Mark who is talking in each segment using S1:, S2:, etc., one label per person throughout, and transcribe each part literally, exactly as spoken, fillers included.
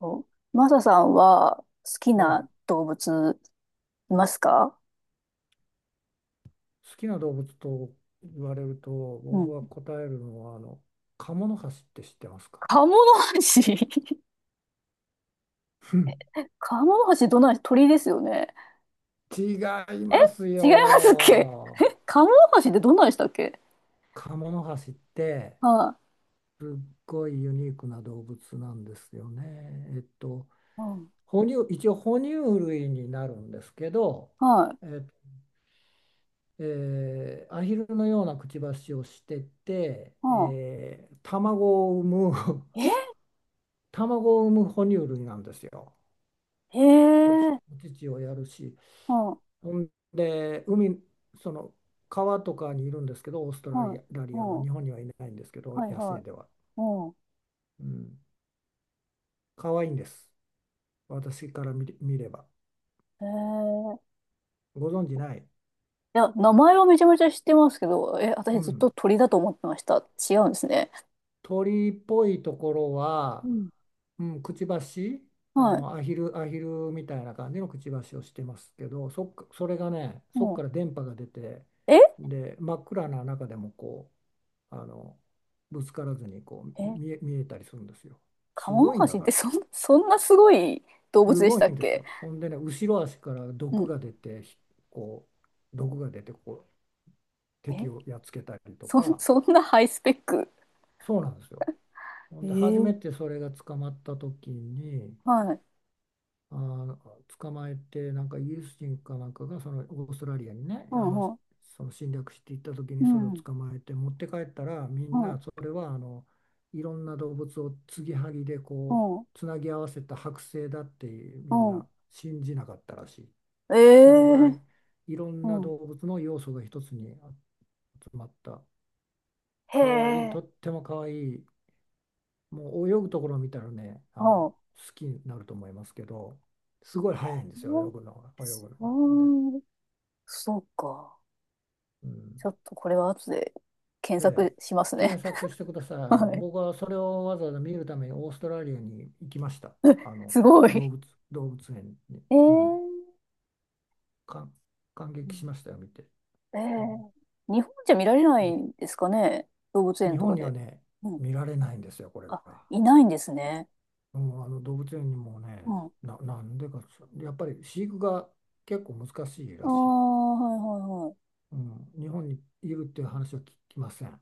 S1: そう、マサさんは好き
S2: はい、
S1: な動物いますか？
S2: 好きな動物と言われると、
S1: う
S2: 僕
S1: ん。
S2: は答えるのは、あのカモノハシって知ってますか？
S1: カモノハシ。
S2: ふん。
S1: カモノハシどんない鳥ですよね。
S2: 違い
S1: え、
S2: ます
S1: 違いますっけ？
S2: よ。
S1: カモノハシってどんなんでしたっけ？
S2: カモノハシって
S1: は
S2: すっごいユニークな動物なんですよ。ねえっと
S1: い。うん。
S2: 哺乳一応哺乳類になるんですけど、
S1: はい。
S2: え、えーアヒルのようなくちばしをしてて、
S1: うん。
S2: えー卵を産む
S1: え、
S2: 卵を産む哺乳類なんですよ。
S1: へ
S2: おち、
S1: え。
S2: お乳をやるし、
S1: うん。はい。
S2: ほんで、海、その川とかにいるんですけど、オーストラリア、ラ
S1: う
S2: リアの、
S1: ん。は
S2: 日本にはいないんですけど、
S1: い
S2: 野
S1: は
S2: 生
S1: い。
S2: では。
S1: うん。
S2: うん、可愛いんです。私から見れ、見れば。
S1: へえ。
S2: ご存じない。
S1: いや、名前はめちゃめちゃ知ってますけど、え、
S2: う
S1: 私ずっと
S2: ん。
S1: 鳥だと思ってました。違うんですね。
S2: 鳥っぽいところ
S1: う
S2: は、
S1: ん、
S2: うん、くちばし、あ
S1: はい。
S2: の、アヒル、アヒルみたいな感じのくちばしをしてますけど、そっか、それがね、
S1: う
S2: そっか
S1: ん。
S2: ら電波が出て、
S1: え
S2: で、真っ暗な中でもこあのぶつからずに、こう
S1: え、
S2: 見え、見えたりするんですよ。
S1: カ
S2: す
S1: モノ
S2: ごいん
S1: ハ
S2: だ
S1: シっ
S2: か
S1: て
S2: ら。
S1: そん、そんなすごい動
S2: す
S1: 物でし
S2: ごい
S1: たっ
S2: んです
S1: け？
S2: よ。ほんでね、後ろ足から
S1: う
S2: 毒
S1: ん。
S2: が出て、ひこう、毒が出て、こう、敵
S1: え、
S2: をやっつけたりと
S1: そん、
S2: か、
S1: そんなハイスペック。
S2: そうなんですよ。ほ
S1: え
S2: んで、初め
S1: ー、
S2: てそれが捕まった時に、
S1: はい。
S2: あー捕まえて、なんかイギリス人かなんかが、そのオーストラリアにね、
S1: う
S2: あの
S1: んうん。
S2: その侵略していった時に、
S1: う
S2: それを
S1: ん。
S2: 捕まえて持って帰ったら、みん
S1: は
S2: な
S1: い。
S2: それは、あのいろんな動物を継ぎはぎで
S1: う
S2: こ
S1: ん。
S2: うつなぎ合わせた剥製だって、
S1: う
S2: みん
S1: ん。
S2: な信じなかったらしい。
S1: え
S2: そのぐらい、
S1: え、
S2: いろん
S1: う
S2: な
S1: ん。
S2: 動物の要素が一つに集まった、
S1: へ
S2: かわいい、
S1: え。
S2: とってもかわいい。もう泳ぐところを見たらね、あ
S1: は
S2: の、好
S1: あ。
S2: きになると思いますけど、すごい早いんですよ、泳ぐのが、泳ぐのが。ほんで、
S1: うん。そうか。
S2: うん、
S1: ちょっとこれは後で検
S2: え
S1: 索
S2: え、
S1: しますね。
S2: 検索してくだ さい。あ
S1: は
S2: の、
S1: い。
S2: 僕はそれをわざわざ見るためにオーストラリアに行きました。あ
S1: す
S2: の、
S1: ご
S2: 動
S1: い。
S2: 物、動物園に
S1: ええ、
S2: 見に、
S1: う
S2: 感感激
S1: ん、
S2: しましたよ、見て。
S1: ええ、
S2: うん、
S1: 日本じゃ見られない
S2: ぜひ。
S1: んですかね、動物園
S2: 日
S1: と
S2: 本
S1: か
S2: には
S1: で。
S2: ね、
S1: うん、
S2: 見られないんですよ、これ
S1: あ、
S2: が。
S1: いないんですね。
S2: うん、あの動物園にも
S1: う
S2: ね、
S1: ん。あ
S2: な、なんでか、やっぱり飼育が結構難しい
S1: あ、
S2: らしい。
S1: はいはいはい。
S2: うん、日本にいるっていう話は聞きません。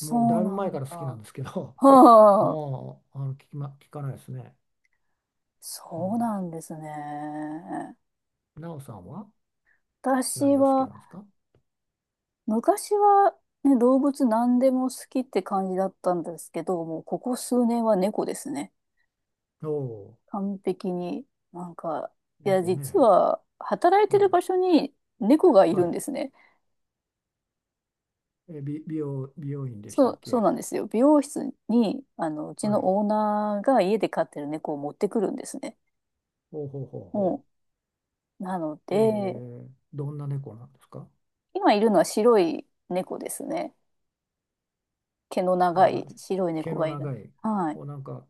S2: もうだ
S1: う
S2: いぶ
S1: な
S2: 前か
S1: んだ。
S2: ら好きなん ですけど、
S1: はあ、
S2: もうあの聞きま、聞かないですね。う
S1: そう
S2: ん。
S1: なんですね。
S2: なおさんは
S1: 私
S2: 何が好き
S1: は、
S2: なんですか？
S1: 昔は、ね、動物何でも好きって感じだったんですけど、もうここ数年は猫ですね。
S2: おお
S1: 完璧に。なんか、
S2: ー、
S1: いや、
S2: 猫
S1: 実
S2: ね。
S1: は、働いて
S2: は
S1: る
S2: い。
S1: 場所に猫がい
S2: は
S1: るん
S2: い。
S1: ですね。
S2: え、美、美容、美容院でし
S1: そ
S2: たっ
S1: う、そう
S2: け？
S1: なんですよ。美容室に、あの、うち
S2: はい。
S1: のオーナーが家で飼ってる猫を持ってくるんですね。
S2: ほうほうほう
S1: も
S2: ほ
S1: うなの
S2: う。え
S1: で、
S2: ー、どんな猫なんですか？
S1: 今いるのは白い猫ですね。毛の
S2: な
S1: 長
S2: んか、
S1: い白い
S2: 毛
S1: 猫
S2: の
S1: がいる。
S2: 長い、
S1: はい。
S2: こうなんか、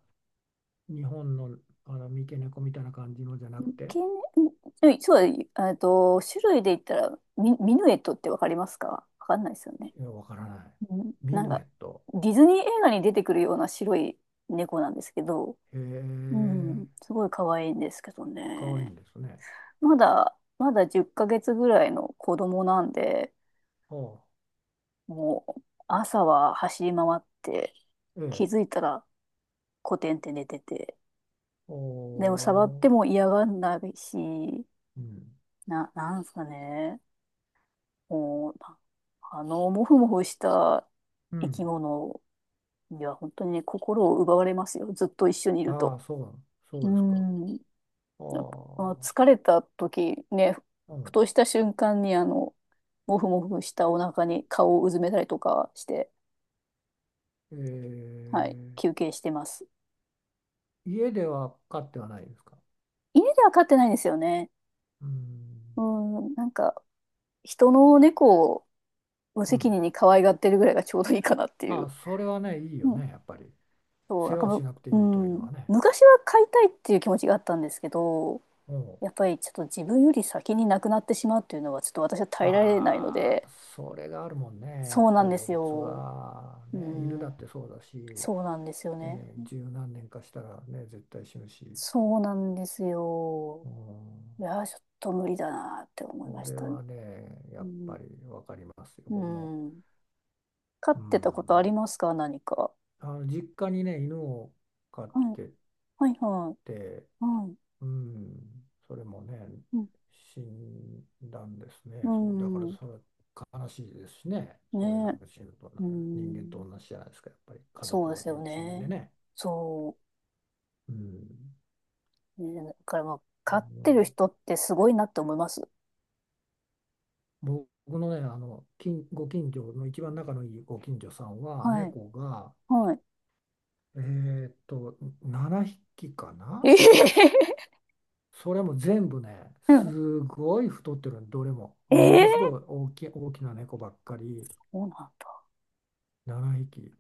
S2: 日本の、あの三毛猫みたいな感じのじゃな
S1: 毛
S2: く
S1: ね、
S2: て、
S1: うん、うん、そうだ、えっと、種類で言ったら、ミ、ミヌエットってわかりますか？わかんないですよね。
S2: いやわからない。
S1: うん、
S2: ミ
S1: なん
S2: ヌエ
S1: か、
S2: ット。
S1: ディズニー映画に出てくるような白い猫なんですけど、
S2: へ
S1: う
S2: え、
S1: ん、すごい可愛いんですけど
S2: かわいい
S1: ね。
S2: んですね。
S1: まだ、まだじゅっかげつぐらいの子供なんで、
S2: ああ、
S1: もう朝は走り回って、
S2: え
S1: 気
S2: え、
S1: づいたらコテンって寝てて。
S2: お
S1: でも触って
S2: ー、
S1: も嫌がんないし、
S2: うん、
S1: な、なんすかね。もう、な、あの、もふもふした
S2: う
S1: 生き
S2: ん、
S1: 物には本当にね、心を奪われますよ。ずっと一緒にいる
S2: ああ、
S1: と。
S2: そう、そ
S1: う
S2: うですか。
S1: ん。
S2: あ
S1: やっぱあ
S2: あ、
S1: 疲れた時ね、
S2: う
S1: ふ
S2: ん、
S1: とした瞬間にあの、もふもふしたお腹に顔をうずめたりとかして、
S2: え
S1: はい、休憩してます。
S2: え、家では飼ってはないですか？
S1: 家では飼ってないんですよね。
S2: う
S1: う
S2: ん、
S1: ん、なんか、人の猫を無
S2: う
S1: 責
S2: ん、
S1: 任に可愛がってるぐらいがちょうどいいかなってい
S2: あ
S1: う。
S2: あ、それはね、いいよ
S1: うん、
S2: ね、やっぱり。
S1: そう、
S2: 世
S1: なん
S2: 話
S1: か、
S2: をし
S1: む、
S2: なくて
S1: う
S2: いいというの
S1: ん、
S2: はね。
S1: 昔は飼いたいっていう気持ちがあったんですけど、
S2: おうん、
S1: やっぱりちょっと自分より先に亡くなってしまうっていうのはちょっと私は耐えられないの
S2: あ
S1: で、
S2: あ、それがあるもんね、や
S1: そ
S2: っ
S1: うなん
S2: ぱり
S1: で
S2: 動
S1: す
S2: 物
S1: よ。
S2: は、
S1: う
S2: ね、犬だ
S1: ん、
S2: ってそうだし、
S1: そうなんですよ
S2: え
S1: ね。
S2: え、十何年かしたらね、絶対死ぬし。
S1: そうなんですよ。
S2: うん、
S1: いやー、ちょっと無理だなって思いま
S2: そ
S1: し
S2: れ
S1: たね。
S2: はね、や
S1: う
S2: っ
S1: ん、
S2: ぱりわかりますよ、
S1: う
S2: 僕も。
S1: ん、飼
S2: う
S1: ってたことあ
S2: ん、
S1: りますか、何か？
S2: あの実家にね、犬を飼っ
S1: はい、
S2: て
S1: はい、は
S2: て、
S1: い、はい、
S2: うん、それもね、
S1: うん、
S2: 死んだんです
S1: う
S2: ね。そう、だから
S1: ん、
S2: それは悲しいですしね、そういうのが
S1: ね、
S2: 死ぬと
S1: う
S2: な、
S1: ー
S2: 人間と
S1: ん、
S2: 同じじゃないですか、やっぱり家
S1: そう
S2: 族
S1: です
S2: の
S1: よ
S2: 一員で
S1: ね。
S2: ね。
S1: そ
S2: うん、
S1: う。ね、だからまあ、
S2: う
S1: 飼って
S2: ん、
S1: る人ってすごいなって思います。
S2: 僕のね、あの、近ご近所の一番仲のいいご近所さんは、
S1: はい。
S2: 猫が、
S1: はい。
S2: えーっと、ななひきか
S1: え
S2: な。
S1: え、
S2: それも全部ね、
S1: うん、
S2: すごい太ってるの、どれも。
S1: え
S2: も
S1: え、
S2: のすごい大きい、大きな猫ばっかり、
S1: そうなんだ。
S2: ななひき。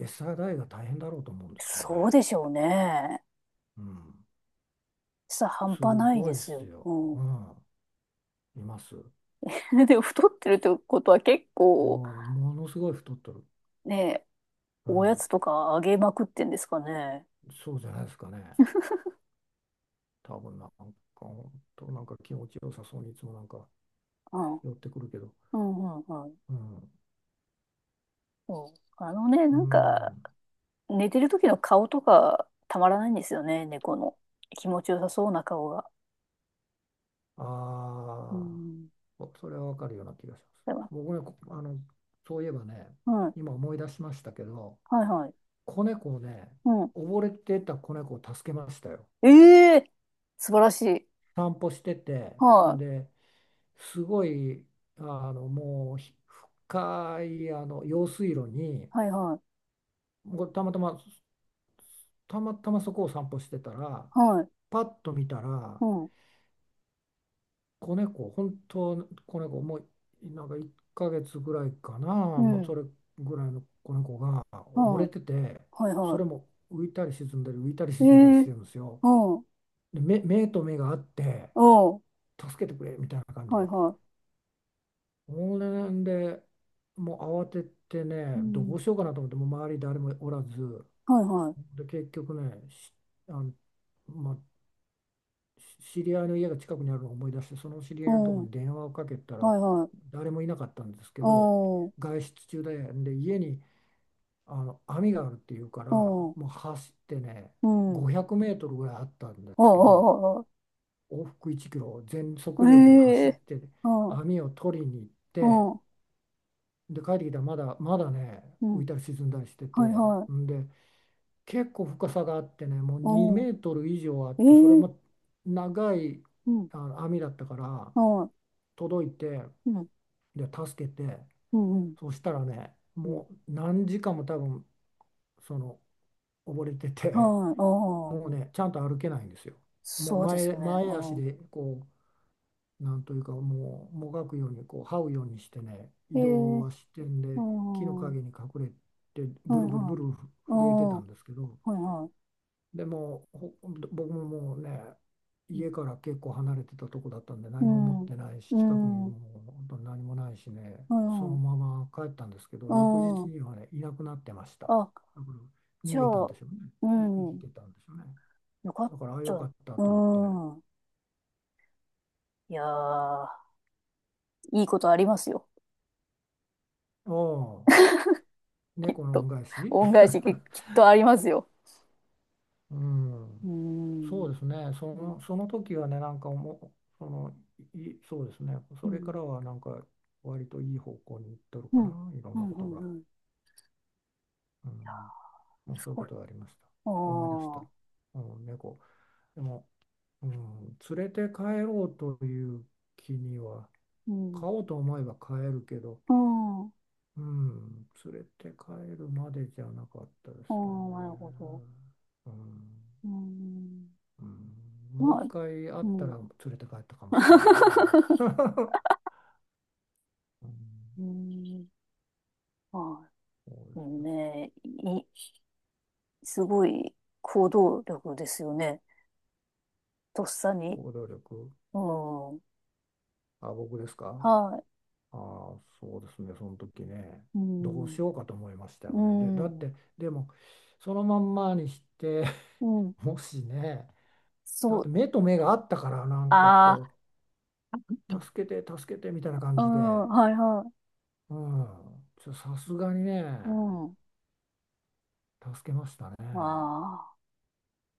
S2: 餌代が大変だろうと思うんですけどね。
S1: そうでしょうね。
S2: うん。
S1: さ、半
S2: す
S1: 端ない
S2: ご
S1: で
S2: いっ
S1: す
S2: す
S1: よ。
S2: よ。
S1: うん。
S2: うん。います。
S1: でも、太ってるってことは結構、
S2: もう、ものすごい太ってる。
S1: ね、
S2: う
S1: おや
S2: ん。
S1: つとかあげまくってんですかね。
S2: そうじゃないですかね。多分なんか、本当なんか気持ちよさそうに、いつもなんか
S1: うん。
S2: 寄ってくるけど。
S1: うん、うん、うん。
S2: うん。
S1: うん、あのね、
S2: う
S1: なんか、
S2: ん。
S1: 寝てる時の顔とかたまらないんですよね、猫の。気持ちよさそうな顔が。
S2: あ
S1: う
S2: あ、
S1: ん。
S2: そそれはわかるような気がします。
S1: でも、
S2: 僕ね、こあの、そういえばね、
S1: うん。は
S2: 今思い出しましたけど、
S1: いはい。
S2: 子猫をね、
S1: うん。
S2: 溺れてた子猫を助けましたよ。
S1: ええ、素晴らしい。
S2: 散歩してて、
S1: はい。
S2: で、すごい、あの、もうひ深い、あの、用水路に、
S1: はいはい。
S2: もうたまたま、たまたまそこを散歩してたら、
S1: はい。
S2: パッと見たら、
S1: うん。
S2: 子猫、本当子猫、もうなんかいっかげつぐらいかな、
S1: う
S2: もうそ
S1: ん。
S2: れぐらいの子猫が溺
S1: は
S2: れ
S1: い。
S2: てて、
S1: はい
S2: そ
S1: は
S2: れも浮いたり沈んだり、浮いたり
S1: い。え
S2: 沈んだりし
S1: え、
S2: てるんですよ。
S1: うん。う
S2: で、目、目と目があって、
S1: ん。
S2: 助けてくれみたいな感じ
S1: はい
S2: で。
S1: は
S2: そんで、もう慌てて
S1: い。う
S2: ね、ど
S1: ん。
S2: うしようかなと思って、もう周り誰もおらず、
S1: はいはい。
S2: で、結局ね、しあの、まあ、知り合いの家が近くにあるのを思い出して、その知り
S1: う
S2: 合いのところ
S1: ん。
S2: に電話をかけたら、
S1: はいはい。
S2: 誰もいなかったんですけど、
S1: うん。
S2: 外出中で、で家にあの網があるっていうから、
S1: うん。
S2: もう走ってね、
S1: うん。
S2: ごひゃくメートルぐらいあったんで
S1: ああ、
S2: すけど、
S1: ああ、あ
S2: 往復いちキロ全速
S1: あ、
S2: 力で
S1: え
S2: 走っ
S1: え。
S2: て、
S1: ああ、
S2: 網を取りに行っ
S1: う
S2: て、
S1: ん。
S2: で帰ってきたら、まだまだね
S1: う
S2: 浮
S1: ん。
S2: いたり沈んだりしてて、
S1: はいはい。
S2: んで結構深さがあってね、もう2
S1: う
S2: メートル以上あって、それ
S1: ん。ええ、
S2: も長い
S1: うん。
S2: あの網だったから。
S1: は
S2: 届いて、
S1: い。うん。
S2: で助けて、
S1: うん。うん。
S2: そしたらね、
S1: うん、
S2: もう何時間も多分その溺れてて、
S1: はい。あ
S2: も
S1: あ。
S2: うね、ちゃんと歩けないんですよ。もう
S1: そうです
S2: 前、
S1: よね。
S2: 前足
S1: うん。
S2: で、こう、なんというか、もうもがくように、こう這うようにしてね
S1: え
S2: 移
S1: え。
S2: 動はしてん
S1: う
S2: で、木の
S1: ん。は
S2: 陰に隠れて
S1: いは
S2: ブルブルブ
S1: い。
S2: ル
S1: あ
S2: 震えて
S1: あ。
S2: た
S1: は
S2: んですけど、
S1: いは
S2: でもうほ僕ももうね、
S1: い。う
S2: 家から結構離れてたとこだったんで、何も持
S1: ん。
S2: っ
S1: うん。
S2: てないし、
S1: う
S2: 近くに
S1: ん、は
S2: もう本当に何もないしね、
S1: い
S2: そ
S1: は
S2: の
S1: い。
S2: まま帰ったんですけど、
S1: う
S2: 翌日
S1: ん。
S2: にはねいなくなってました。だ
S1: あ、
S2: から
S1: じ
S2: 逃
S1: ゃ
S2: げたん
S1: あ、
S2: でしょうね、
S1: う
S2: い生き
S1: ん。
S2: てたんでしょうね。
S1: よかっ
S2: だから、ああ
S1: た。
S2: よかった
S1: う
S2: と思ってね。
S1: ん。いやー、いいことありますよ。
S2: ああ、
S1: きっ
S2: 猫の恩
S1: と。
S2: 返し。
S1: 恩返しききっとありますよ。
S2: う
S1: う
S2: ん。そ
S1: ん。
S2: うですね、そ
S1: うん。
S2: の、その時はね、なんかもう、その、い、いそうですね、
S1: う
S2: それか
S1: ん。
S2: らはなんか、割といい方向に行っとる
S1: う
S2: かな、
S1: ん。
S2: いろ
S1: う
S2: んな
S1: ん。
S2: こ
S1: う
S2: と
S1: ん。
S2: が。
S1: うん、
S2: うん、もう
S1: す
S2: そういう
S1: ご
S2: こ
S1: い。
S2: とがありました。思い出した。
S1: ああ。
S2: うん、猫。でも、うん、連れて帰ろうという気には、
S1: うん。
S2: 飼おうと思えば飼えるけど、
S1: うん。あ
S2: うん、連れて帰るまでじゃなかったで
S1: あ、
S2: すよ
S1: なるほど。
S2: ね。うん、
S1: うん。
S2: うん、もう
S1: ま
S2: 一
S1: あ、
S2: 回会っ
S1: う
S2: た
S1: ん。
S2: ら連れて帰ったかもしれないな。うん、
S1: うん。まあ、
S2: そうで
S1: そ
S2: す
S1: う
S2: よ。
S1: ね。い、すごい行動力ですよね。とっさに。
S2: 行動力。
S1: うん。
S2: あ、僕ですか？
S1: はい。
S2: ああ、そうですね。その時ね、
S1: う
S2: どう
S1: ん。
S2: しようかと思いました
S1: う
S2: よね。で、だっ
S1: ん。
S2: て、でも、そのまんまにして、
S1: うん。
S2: もしね、だ
S1: そ
S2: って
S1: う。
S2: 目と目があったから、なんか
S1: あ
S2: こう、助けて、助けてみたいな感
S1: あ、う
S2: じ
S1: ん。
S2: で、
S1: はいは
S2: うん、ちょさすがにね、
S1: い。うん。
S2: 助けましたね。
S1: まあ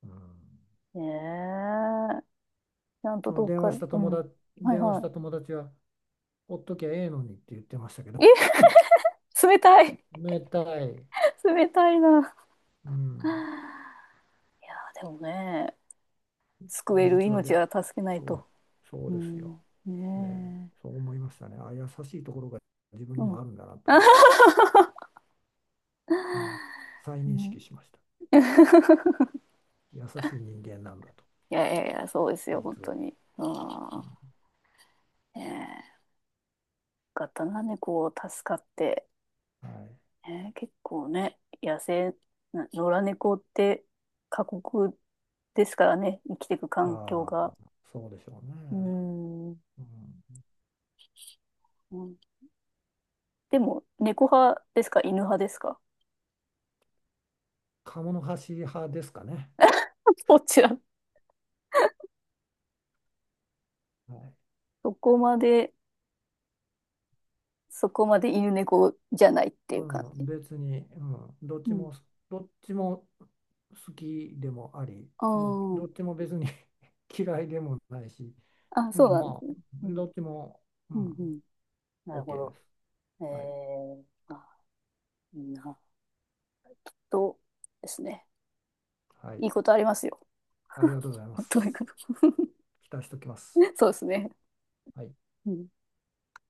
S2: うん、
S1: あ、ねええ。ちゃんと
S2: その
S1: どっ
S2: 電
S1: か、
S2: 話した
S1: う
S2: 友
S1: ん。
S2: 達、
S1: はい
S2: 電話し
S1: は
S2: た友達は、ほっときゃええのにって言ってましたけど、
S1: い。え、冷たい。
S2: 冷たい。
S1: 冷たいな。
S2: うん、
S1: いや、でもね。救える
S2: 実話
S1: 命
S2: で、
S1: は助けない
S2: そう、
S1: と。
S2: そう
S1: う
S2: ですよ。
S1: ん。
S2: ね、
S1: ね
S2: そう思いましたね。あ、優しいところが自分
S1: え。
S2: に
S1: うん。
S2: もあるんだなと思って、うん、再認
S1: ね、
S2: 識しました。優しい人間なんだと、
S1: いやいやいや、そうですよ、本
S2: 実は。
S1: 当に。うん。
S2: う
S1: ねえ。よかったな、猫を助かって。
S2: ん、はい。
S1: ねえ、結構ね、野生、な野良猫って過酷ですからね、生きていく環境
S2: あ
S1: が。
S2: あ、そうでしょう
S1: う
S2: ね。
S1: ん。う
S2: うん、
S1: ん、でも、猫派ですか、犬派ですか？
S2: 鴨の橋派ですかね。
S1: どちら？
S2: はい、
S1: そこまで、そこまで犬猫じゃないっていう
S2: う
S1: 感
S2: ん、
S1: じ。
S2: 別に、うん、どっ
S1: う
S2: ち
S1: ん。
S2: も、どっちも好きでもあり、
S1: あ
S2: うん、ど
S1: あ。
S2: っちも別に 嫌いでもないし、
S1: あ、
S2: う
S1: そう
S2: ん、
S1: な
S2: ま
S1: んで
S2: あ、
S1: すね。うん。
S2: どっちも、う
S1: うん、う
S2: ん、
S1: ん。なる
S2: OK
S1: ほ
S2: で
S1: ど。
S2: す。
S1: え
S2: はい、
S1: ー、あ、いいな。と、ですね。
S2: はい、
S1: いいことありますよ。
S2: ありがとうございま す。
S1: とにこと。
S2: 期待しておきます。
S1: そうですね。
S2: はい
S1: うん。